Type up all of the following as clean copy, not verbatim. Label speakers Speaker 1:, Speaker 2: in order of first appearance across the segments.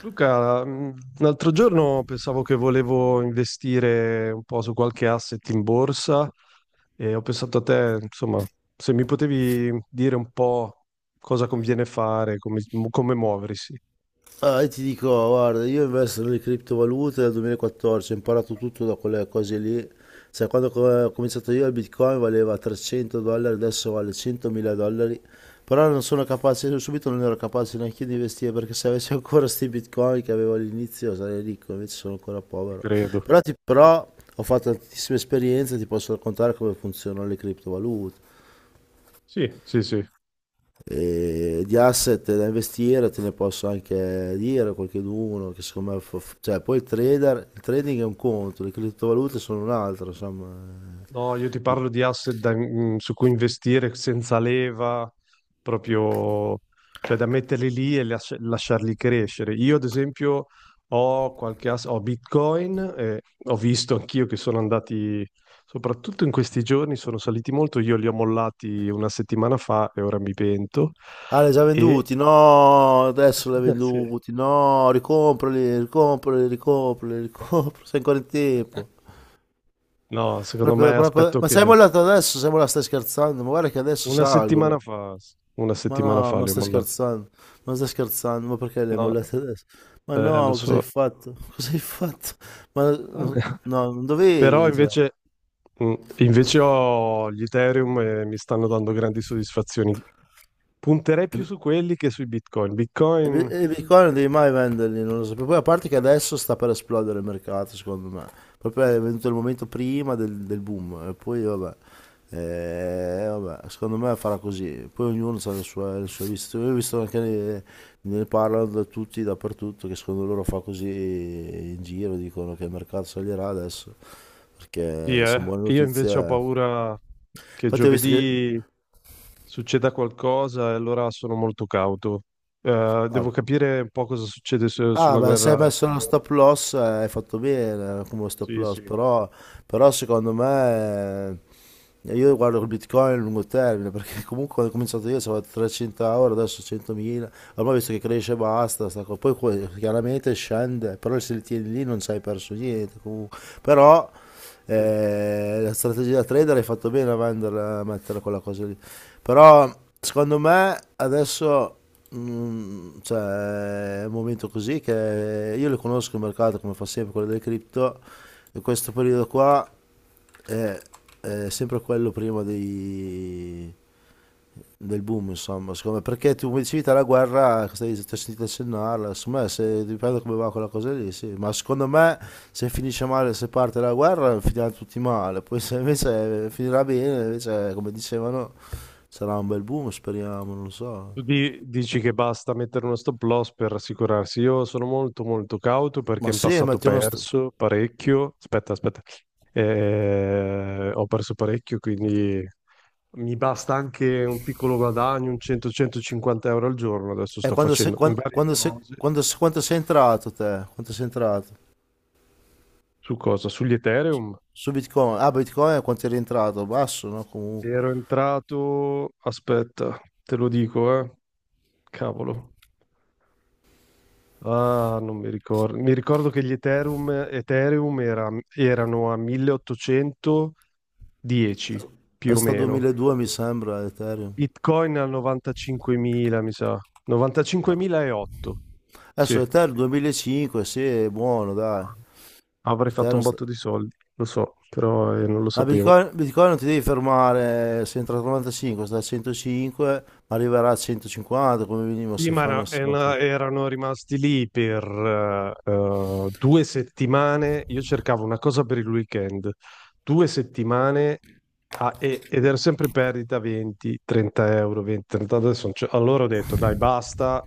Speaker 1: Luca, l'altro giorno pensavo che volevo investire un po' su qualche asset in borsa e ho pensato a te, insomma, se mi potevi dire un po' cosa conviene fare, come muoversi,
Speaker 2: Ah, io ti dico, guarda, io investo nelle criptovalute dal 2014, ho imparato tutto da quelle cose lì. Cioè, quando ho cominciato io il Bitcoin valeva 300 dollari, adesso vale 100.000 dollari. Però non sono capace, io subito non ero capace neanche io di investire perché se avessi ancora questi Bitcoin che avevo all'inizio sarei ricco, invece sono ancora povero.
Speaker 1: credo.
Speaker 2: Però, però ho fatto tantissime esperienze, ti posso raccontare come funzionano le criptovalute.
Speaker 1: Sì, sì, sì.
Speaker 2: E di asset da investire te ne posso anche dire qualcheduno che secondo me cioè poi il trading è un conto, le criptovalute sono un altro, insomma.
Speaker 1: No, io ti parlo di asset su cui investire senza leva, proprio, cioè da metterli lì e lasciarli crescere. Io, ad esempio, ho Bitcoin, e ho visto anch'io che sono andati, soprattutto in questi giorni, sono saliti molto. Io li ho mollati una settimana fa e ora mi pento.
Speaker 2: Ah, li hai già
Speaker 1: E
Speaker 2: venduti? No, adesso li hai
Speaker 1: sì.
Speaker 2: venduti? No, ricomprali, ricomprali, ricomprali, ricomprali, sei ancora in tempo.
Speaker 1: No, secondo me aspetto
Speaker 2: Ma sei
Speaker 1: che
Speaker 2: mollato adesso, sei mollato? Stai scherzando, ma guarda che adesso
Speaker 1: una
Speaker 2: salgono.
Speaker 1: settimana fa, una
Speaker 2: Ma
Speaker 1: settimana
Speaker 2: no,
Speaker 1: fa
Speaker 2: ma
Speaker 1: li ho
Speaker 2: stai
Speaker 1: mollati.
Speaker 2: scherzando, ma stai scherzando, ma perché le hai
Speaker 1: No,
Speaker 2: mollate adesso? Ma
Speaker 1: lo
Speaker 2: no, cosa hai
Speaker 1: so.
Speaker 2: fatto? Cosa hai fatto? Ma no, non
Speaker 1: Però
Speaker 2: dovevi, cioè.
Speaker 1: invece ho gli Ethereum e mi stanno dando grandi soddisfazioni. Punterei più su quelli che sui Bitcoin.
Speaker 2: I bi-
Speaker 1: Bitcoin,
Speaker 2: i bitcoin non devi mai venderli, non lo so. Poi a parte che adesso sta per esplodere il mercato, secondo me. Proprio è venuto il momento prima del boom. E poi vabbè. Vabbè, secondo me farà così. Poi ognuno ha le sue viste. Io ho visto anche ne parlano da tutti, dappertutto, che secondo loro fa così in giro, dicono che il mercato salirà adesso.
Speaker 1: sì,
Speaker 2: Perché sono
Speaker 1: eh.
Speaker 2: buone
Speaker 1: Io
Speaker 2: notizie.
Speaker 1: invece ho
Speaker 2: Eh.
Speaker 1: paura che
Speaker 2: Infatti ho visto che...
Speaker 1: giovedì succeda qualcosa e allora sono molto cauto. Devo
Speaker 2: ah,
Speaker 1: capire un po' cosa succede
Speaker 2: Ah,
Speaker 1: sulla
Speaker 2: beh, se hai
Speaker 1: guerra.
Speaker 2: messo uno stop loss, hai fatto bene, come stop
Speaker 1: Sì,
Speaker 2: loss,
Speaker 1: sì.
Speaker 2: però, però secondo me, io guardo il Bitcoin a lungo termine, perché comunque quando ho cominciato io avevo 300 euro, adesso 100.000, ormai visto che cresce basta, sta co- poi que- chiaramente scende, però se li tieni lì non ci hai perso niente comunque. Però,
Speaker 1: Sì.
Speaker 2: la strategia da trader hai fatto bene a venderla, a mettere quella cosa lì. Però secondo me adesso, cioè, è un momento così che io le conosco il mercato come fa sempre quello delle cripto, in questo periodo qua è, è sempre quello prima dei del boom, insomma, secondo me, perché tu come dicevi te la guerra, stai, ti ho sentito accennarla, secondo me se, dipende come va quella cosa lì, sì, ma secondo me se finisce male, se parte la guerra, finiranno tutti male, poi se invece finirà bene, invece come dicevano, sarà un bel boom, speriamo, non lo so.
Speaker 1: Tu dici che basta mettere uno stop loss per assicurarsi. Io sono molto molto cauto perché
Speaker 2: Ma
Speaker 1: in
Speaker 2: sì,
Speaker 1: passato ho
Speaker 2: metti uno...
Speaker 1: perso parecchio. Aspetta, aspetta. Ho perso parecchio, quindi mi basta anche un piccolo guadagno, un 100-150 € al giorno. Adesso sto facendo in varie cose.
Speaker 2: Quanto sei entrato te? Quanto sei entrato?
Speaker 1: Su cosa? Sugli Ethereum.
Speaker 2: Su Bitcoin? Ah, Bitcoin quanto è rientrato? Basso, no? Comunque.
Speaker 1: Ero entrato, aspetta, te lo dico, eh. Cavolo. Ah, non mi ricordo. Mi ricordo che gli Ethereum erano a 1810
Speaker 2: È
Speaker 1: più o
Speaker 2: sta
Speaker 1: meno.
Speaker 2: 2002 mi sembra, Ethereum.
Speaker 1: Bitcoin a 95.000, mi sa. 95.008. Sì,
Speaker 2: Adesso l'Ethereum 2005, sì, è buono, dai.
Speaker 1: avrei fatto
Speaker 2: L'Ethereum
Speaker 1: un botto
Speaker 2: sta-
Speaker 1: di soldi, lo so, però non lo
Speaker 2: Ma
Speaker 1: sapevo.
Speaker 2: Bitcoin, Bitcoin non ti devi fermare, se entra a 95, sta a 105, ma arriverà a 150 come minimo
Speaker 1: Sì,
Speaker 2: se
Speaker 1: ma
Speaker 2: fanno
Speaker 1: no,
Speaker 2: 50.
Speaker 1: erano rimasti lì per due settimane. Io cercavo una cosa per il weekend, due settimane ed era sempre perdita 20, 30 euro, 20, 30 adesso. Non c'è- Allora ho detto, dai, basta.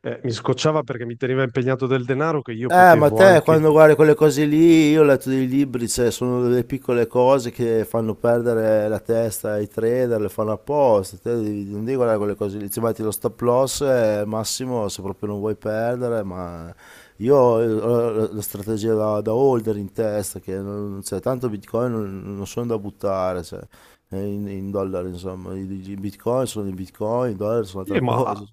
Speaker 1: Mi scocciava perché mi teneva impegnato del denaro che io
Speaker 2: Ma
Speaker 1: potevo
Speaker 2: te
Speaker 1: anche...
Speaker 2: quando guardi quelle cose lì, io ho letto dei libri, cioè, sono delle piccole cose che fanno perdere la testa ai trader, le fanno apposta, non devi guardare quelle cose lì, ti metti lo stop loss, al massimo se proprio non vuoi perdere, ma io ho la strategia da holder in testa, che non, cioè, tanto bitcoin non sono da buttare, cioè, in dollari insomma, i bitcoin sono i bitcoin, i dollari sono altra
Speaker 1: Ma
Speaker 2: cosa.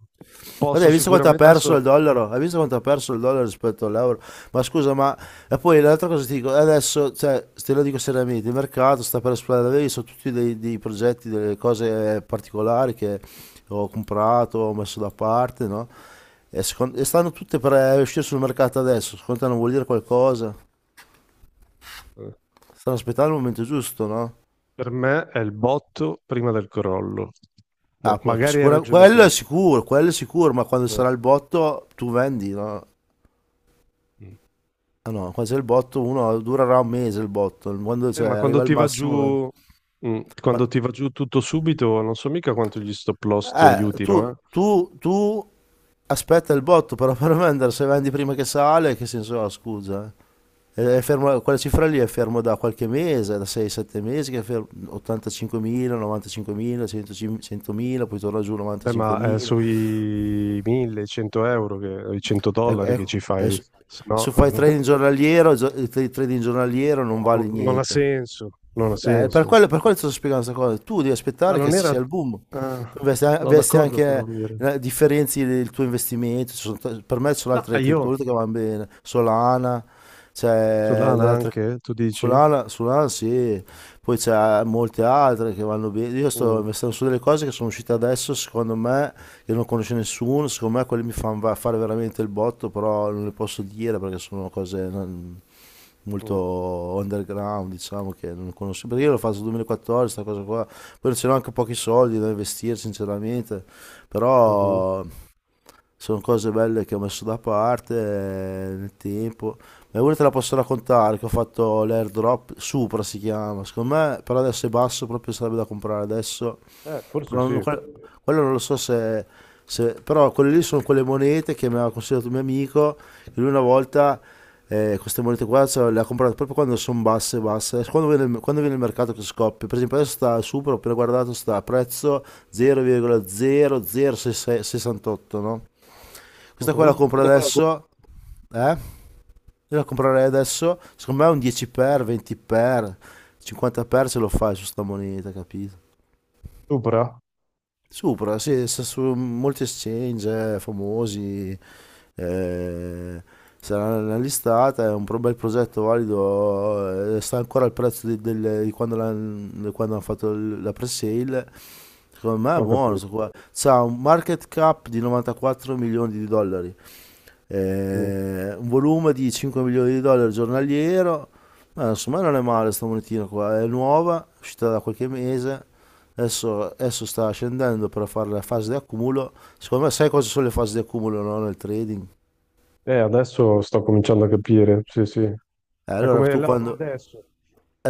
Speaker 2: Guarda,
Speaker 1: posso
Speaker 2: hai visto quanto ha
Speaker 1: sicuramente...
Speaker 2: perso
Speaker 1: Adesso
Speaker 2: il dollaro? Hai visto quanto ha perso il dollaro rispetto all'euro? Ma scusa, ma... E poi l'altra cosa ti dico, adesso, cioè, te lo dico seriamente, il mercato sta per esplodere, vedi, sono tutti dei progetti, delle cose particolari che ho comprato, ho messo da parte, no? E stanno tutte per uscire sul mercato adesso, secondo te non vuol dire qualcosa?
Speaker 1: eh,
Speaker 2: Stanno aspettando il momento giusto, no?
Speaker 1: per me è il botto prima del crollo. Mo,
Speaker 2: Ah, poi,
Speaker 1: magari hai ragione tu.
Speaker 2: quello è sicuro, ma quando
Speaker 1: Eh.
Speaker 2: sarà il botto tu vendi, no?
Speaker 1: Mm.
Speaker 2: Ah no, quando c'è il botto, uno durerà un mese il botto, quando cioè,
Speaker 1: Ma quando
Speaker 2: arriva al
Speaker 1: ti va
Speaker 2: massimo.
Speaker 1: giù, quando ti va giù tutto subito, non so mica quanto gli stop loss ti
Speaker 2: Eh,
Speaker 1: aiutino,
Speaker 2: tu,
Speaker 1: eh?
Speaker 2: tu, tu aspetta il botto però per vendere, se vendi prima che sale, che senso ha, scusa? Eh? Quella cifra lì è fermo da qualche mese, da 6-7 mesi, che è fermo, 85.000, 95.000, 100.000, 100.000, poi torna giù
Speaker 1: Vabbè, ma
Speaker 2: 95.000.
Speaker 1: sui 1000, i 100 euro, che, i 100
Speaker 2: È,
Speaker 1: dollari
Speaker 2: è,
Speaker 1: che ci
Speaker 2: è,
Speaker 1: fai,
Speaker 2: su-
Speaker 1: se no
Speaker 2: Se fai trading giornaliero, trading giornaliero non vale
Speaker 1: no, non ha
Speaker 2: niente.
Speaker 1: senso, non ha senso.
Speaker 2: Per quello ti sto spiegando questa cosa. Tu devi
Speaker 1: Ma
Speaker 2: aspettare che
Speaker 1: non
Speaker 2: ci
Speaker 1: era...
Speaker 2: sia il boom. Tu
Speaker 1: ah,
Speaker 2: investi,
Speaker 1: no,
Speaker 2: investi
Speaker 1: d'accordo però,
Speaker 2: anche,
Speaker 1: Mire.
Speaker 2: differenzi del tuo investimento. Per me ci sono
Speaker 1: No, ah,
Speaker 2: altre criptovalute che vanno bene. Solana, c'è
Speaker 1: Solana
Speaker 2: delle altre...
Speaker 1: anche, tu dici?
Speaker 2: Solana, Solana sì, poi c'è molte altre che vanno bene. Io sto
Speaker 1: Mm,
Speaker 2: investendo su delle cose che sono uscite adesso, secondo me, che non conosce nessuno. Secondo me quelle mi fanno fare veramente il botto, però non le posso dire perché sono cose... molto
Speaker 1: mm,
Speaker 2: underground, diciamo che non conosco, perché io l'ho fatto nel 2014, questa cosa qua, poi c'erano anche pochi soldi da investire sinceramente,
Speaker 1: mhm.
Speaker 2: però sono cose belle che ho messo da parte, nel tempo. Ma una te la posso raccontare, che ho fatto l'airdrop, Supra si chiama, secondo me, però adesso è basso, proprio sarebbe da comprare adesso
Speaker 1: Forse
Speaker 2: però
Speaker 1: sì.
Speaker 2: quello non lo so se. Però quelle lì sono quelle monete che mi aveva consigliato un mio amico. Che lui una volta, queste monete qua, cioè, le ha comprate proprio quando sono basse, basse. Quando viene il mercato che scoppia. Per esempio adesso sta super, ho appena guardato, sta a prezzo 0,00668, no? Questa qua la
Speaker 1: Mhm.
Speaker 2: compro adesso, eh? Io la comprerei adesso, secondo me un 10x, 20x, 50x se lo fai su sta moneta, capito?
Speaker 1: Sopra?
Speaker 2: Supra, sì, sta su molti exchange, famosi, eh, sarà nella listata, è un bel progetto valido, sta ancora al prezzo di quando, di quando hanno fatto la pre-sale, secondo me è
Speaker 1: Ho
Speaker 2: buono, sto
Speaker 1: capito.
Speaker 2: qua. C'ha un market cap di 94 milioni di dollari,
Speaker 1: Mm.
Speaker 2: un volume di 5 milioni di dollari giornaliero, ma insomma non è male sta monetina qua, è nuova, è uscita da qualche mese, adesso sta scendendo per fare la fase di accumulo, secondo me sai cosa sono le fasi di accumulo, no? Nel trading?
Speaker 1: Adesso sto cominciando a capire, sì, sì. È
Speaker 2: Allora
Speaker 1: come
Speaker 2: tu
Speaker 1: l'oro
Speaker 2: quando...
Speaker 1: adesso.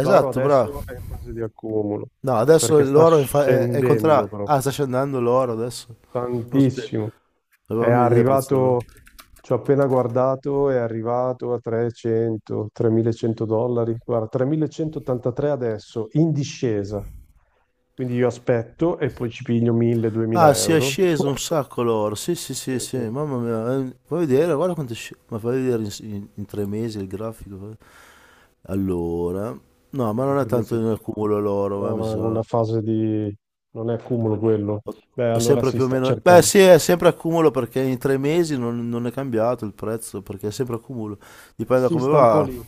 Speaker 1: L'oro adesso è
Speaker 2: bravo.
Speaker 1: in fase di accumulo,
Speaker 2: No, adesso
Speaker 1: perché sta
Speaker 2: l'oro è, in fa- è
Speaker 1: scendendo
Speaker 2: contrario. Ah,
Speaker 1: proprio
Speaker 2: sta scendendo l'oro adesso. Non so più.
Speaker 1: tantissimo. È
Speaker 2: Avevamo idea del prezzo dell'oro.
Speaker 1: arrivato, ci ho appena guardato, è arrivato a 300, 3100 dollari. Guarda, 3183 adesso, in discesa. Quindi io aspetto e poi ci piglio
Speaker 2: Ah,
Speaker 1: 1000-2000
Speaker 2: si è
Speaker 1: euro.
Speaker 2: sceso un sacco l'oro. Sì, sì,
Speaker 1: Sì,
Speaker 2: sì, sì,
Speaker 1: sì.
Speaker 2: mamma mia. Fai vedere, guarda quanto è sceso. Ma fai vedere in 3 mesi il grafico. Eh. Allora, no, ma
Speaker 1: Ma in
Speaker 2: non è
Speaker 1: tre mesi.
Speaker 2: tanto in accumulo l'oro, ma
Speaker 1: No,
Speaker 2: mi
Speaker 1: no, è in
Speaker 2: sa.
Speaker 1: una fase di... non è cumulo quello. Beh,
Speaker 2: È
Speaker 1: allora
Speaker 2: sempre
Speaker 1: si
Speaker 2: più o
Speaker 1: sta
Speaker 2: meno. Beh,
Speaker 1: cercando.
Speaker 2: sì, è sempre accumulo perché in 3 mesi non è cambiato il prezzo, perché è sempre accumulo. Dipende da
Speaker 1: Si
Speaker 2: come
Speaker 1: sta un po'
Speaker 2: va.
Speaker 1: lì.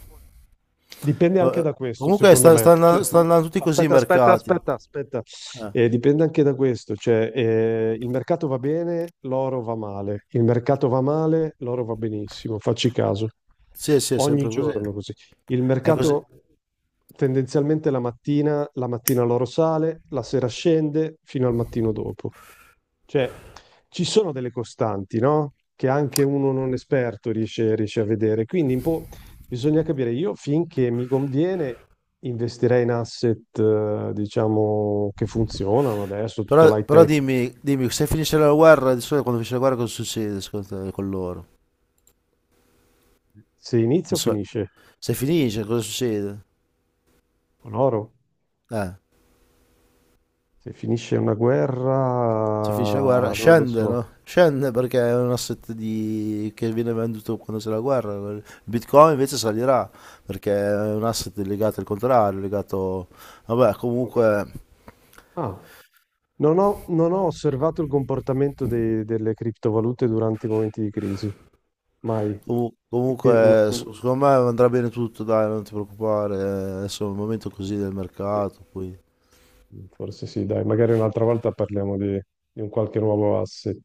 Speaker 1: Dipende anche
Speaker 2: Eh,
Speaker 1: da questo,
Speaker 2: Comunque
Speaker 1: secondo
Speaker 2: sta,
Speaker 1: me.
Speaker 2: sta andan-
Speaker 1: Cioè,
Speaker 2: sta andando tutti così i
Speaker 1: Aspetta, aspetta,
Speaker 2: mercati.
Speaker 1: aspetta, aspetta.
Speaker 2: Eh,
Speaker 1: Dipende anche da questo. Cioè, il mercato va bene, l'oro va male. Il mercato va male, l'oro va benissimo. Facci caso.
Speaker 2: sì, sì, è
Speaker 1: Ogni
Speaker 2: sempre così.
Speaker 1: giorno così. Il
Speaker 2: È così.
Speaker 1: mercato tendenzialmente la mattina l'oro sale, la sera scende fino al mattino dopo. Cioè, ci sono delle costanti, no? Che anche uno non esperto riesce a vedere. Quindi un po' bisogna capire. Io finché mi conviene investirei in asset, diciamo, che funzionano adesso,
Speaker 2: Però,
Speaker 1: tutta l'high
Speaker 2: però
Speaker 1: tech.
Speaker 2: dimmi, dimmi, se finisce la guerra, di solito quando finisce la guerra cosa succede secondo te con loro?
Speaker 1: Se inizia
Speaker 2: Di
Speaker 1: o
Speaker 2: soli-
Speaker 1: finisce?
Speaker 2: Se finisce cosa succede?
Speaker 1: Con oro?
Speaker 2: Eh,
Speaker 1: Se finisce una
Speaker 2: se finisce la guerra
Speaker 1: guerra, non lo
Speaker 2: scende,
Speaker 1: so.
Speaker 2: no? Scende perché è un asset di... che viene venduto quando c'è la guerra. Il Bitcoin invece salirà perché è un asset legato al contrario, legato... Vabbè,
Speaker 1: Ok.
Speaker 2: comunque,
Speaker 1: Ah, non ho osservato il comportamento delle criptovalute durante i momenti di crisi. Mai.
Speaker 2: comu-
Speaker 1: No,
Speaker 2: comunque
Speaker 1: no.
Speaker 2: secondo me andrà bene tutto, dai, non ti preoccupare. Adesso è un momento così del
Speaker 1: Sì.
Speaker 2: mercato, poi...
Speaker 1: Forse sì, dai, magari un'altra volta parliamo di un qualche nuovo asset.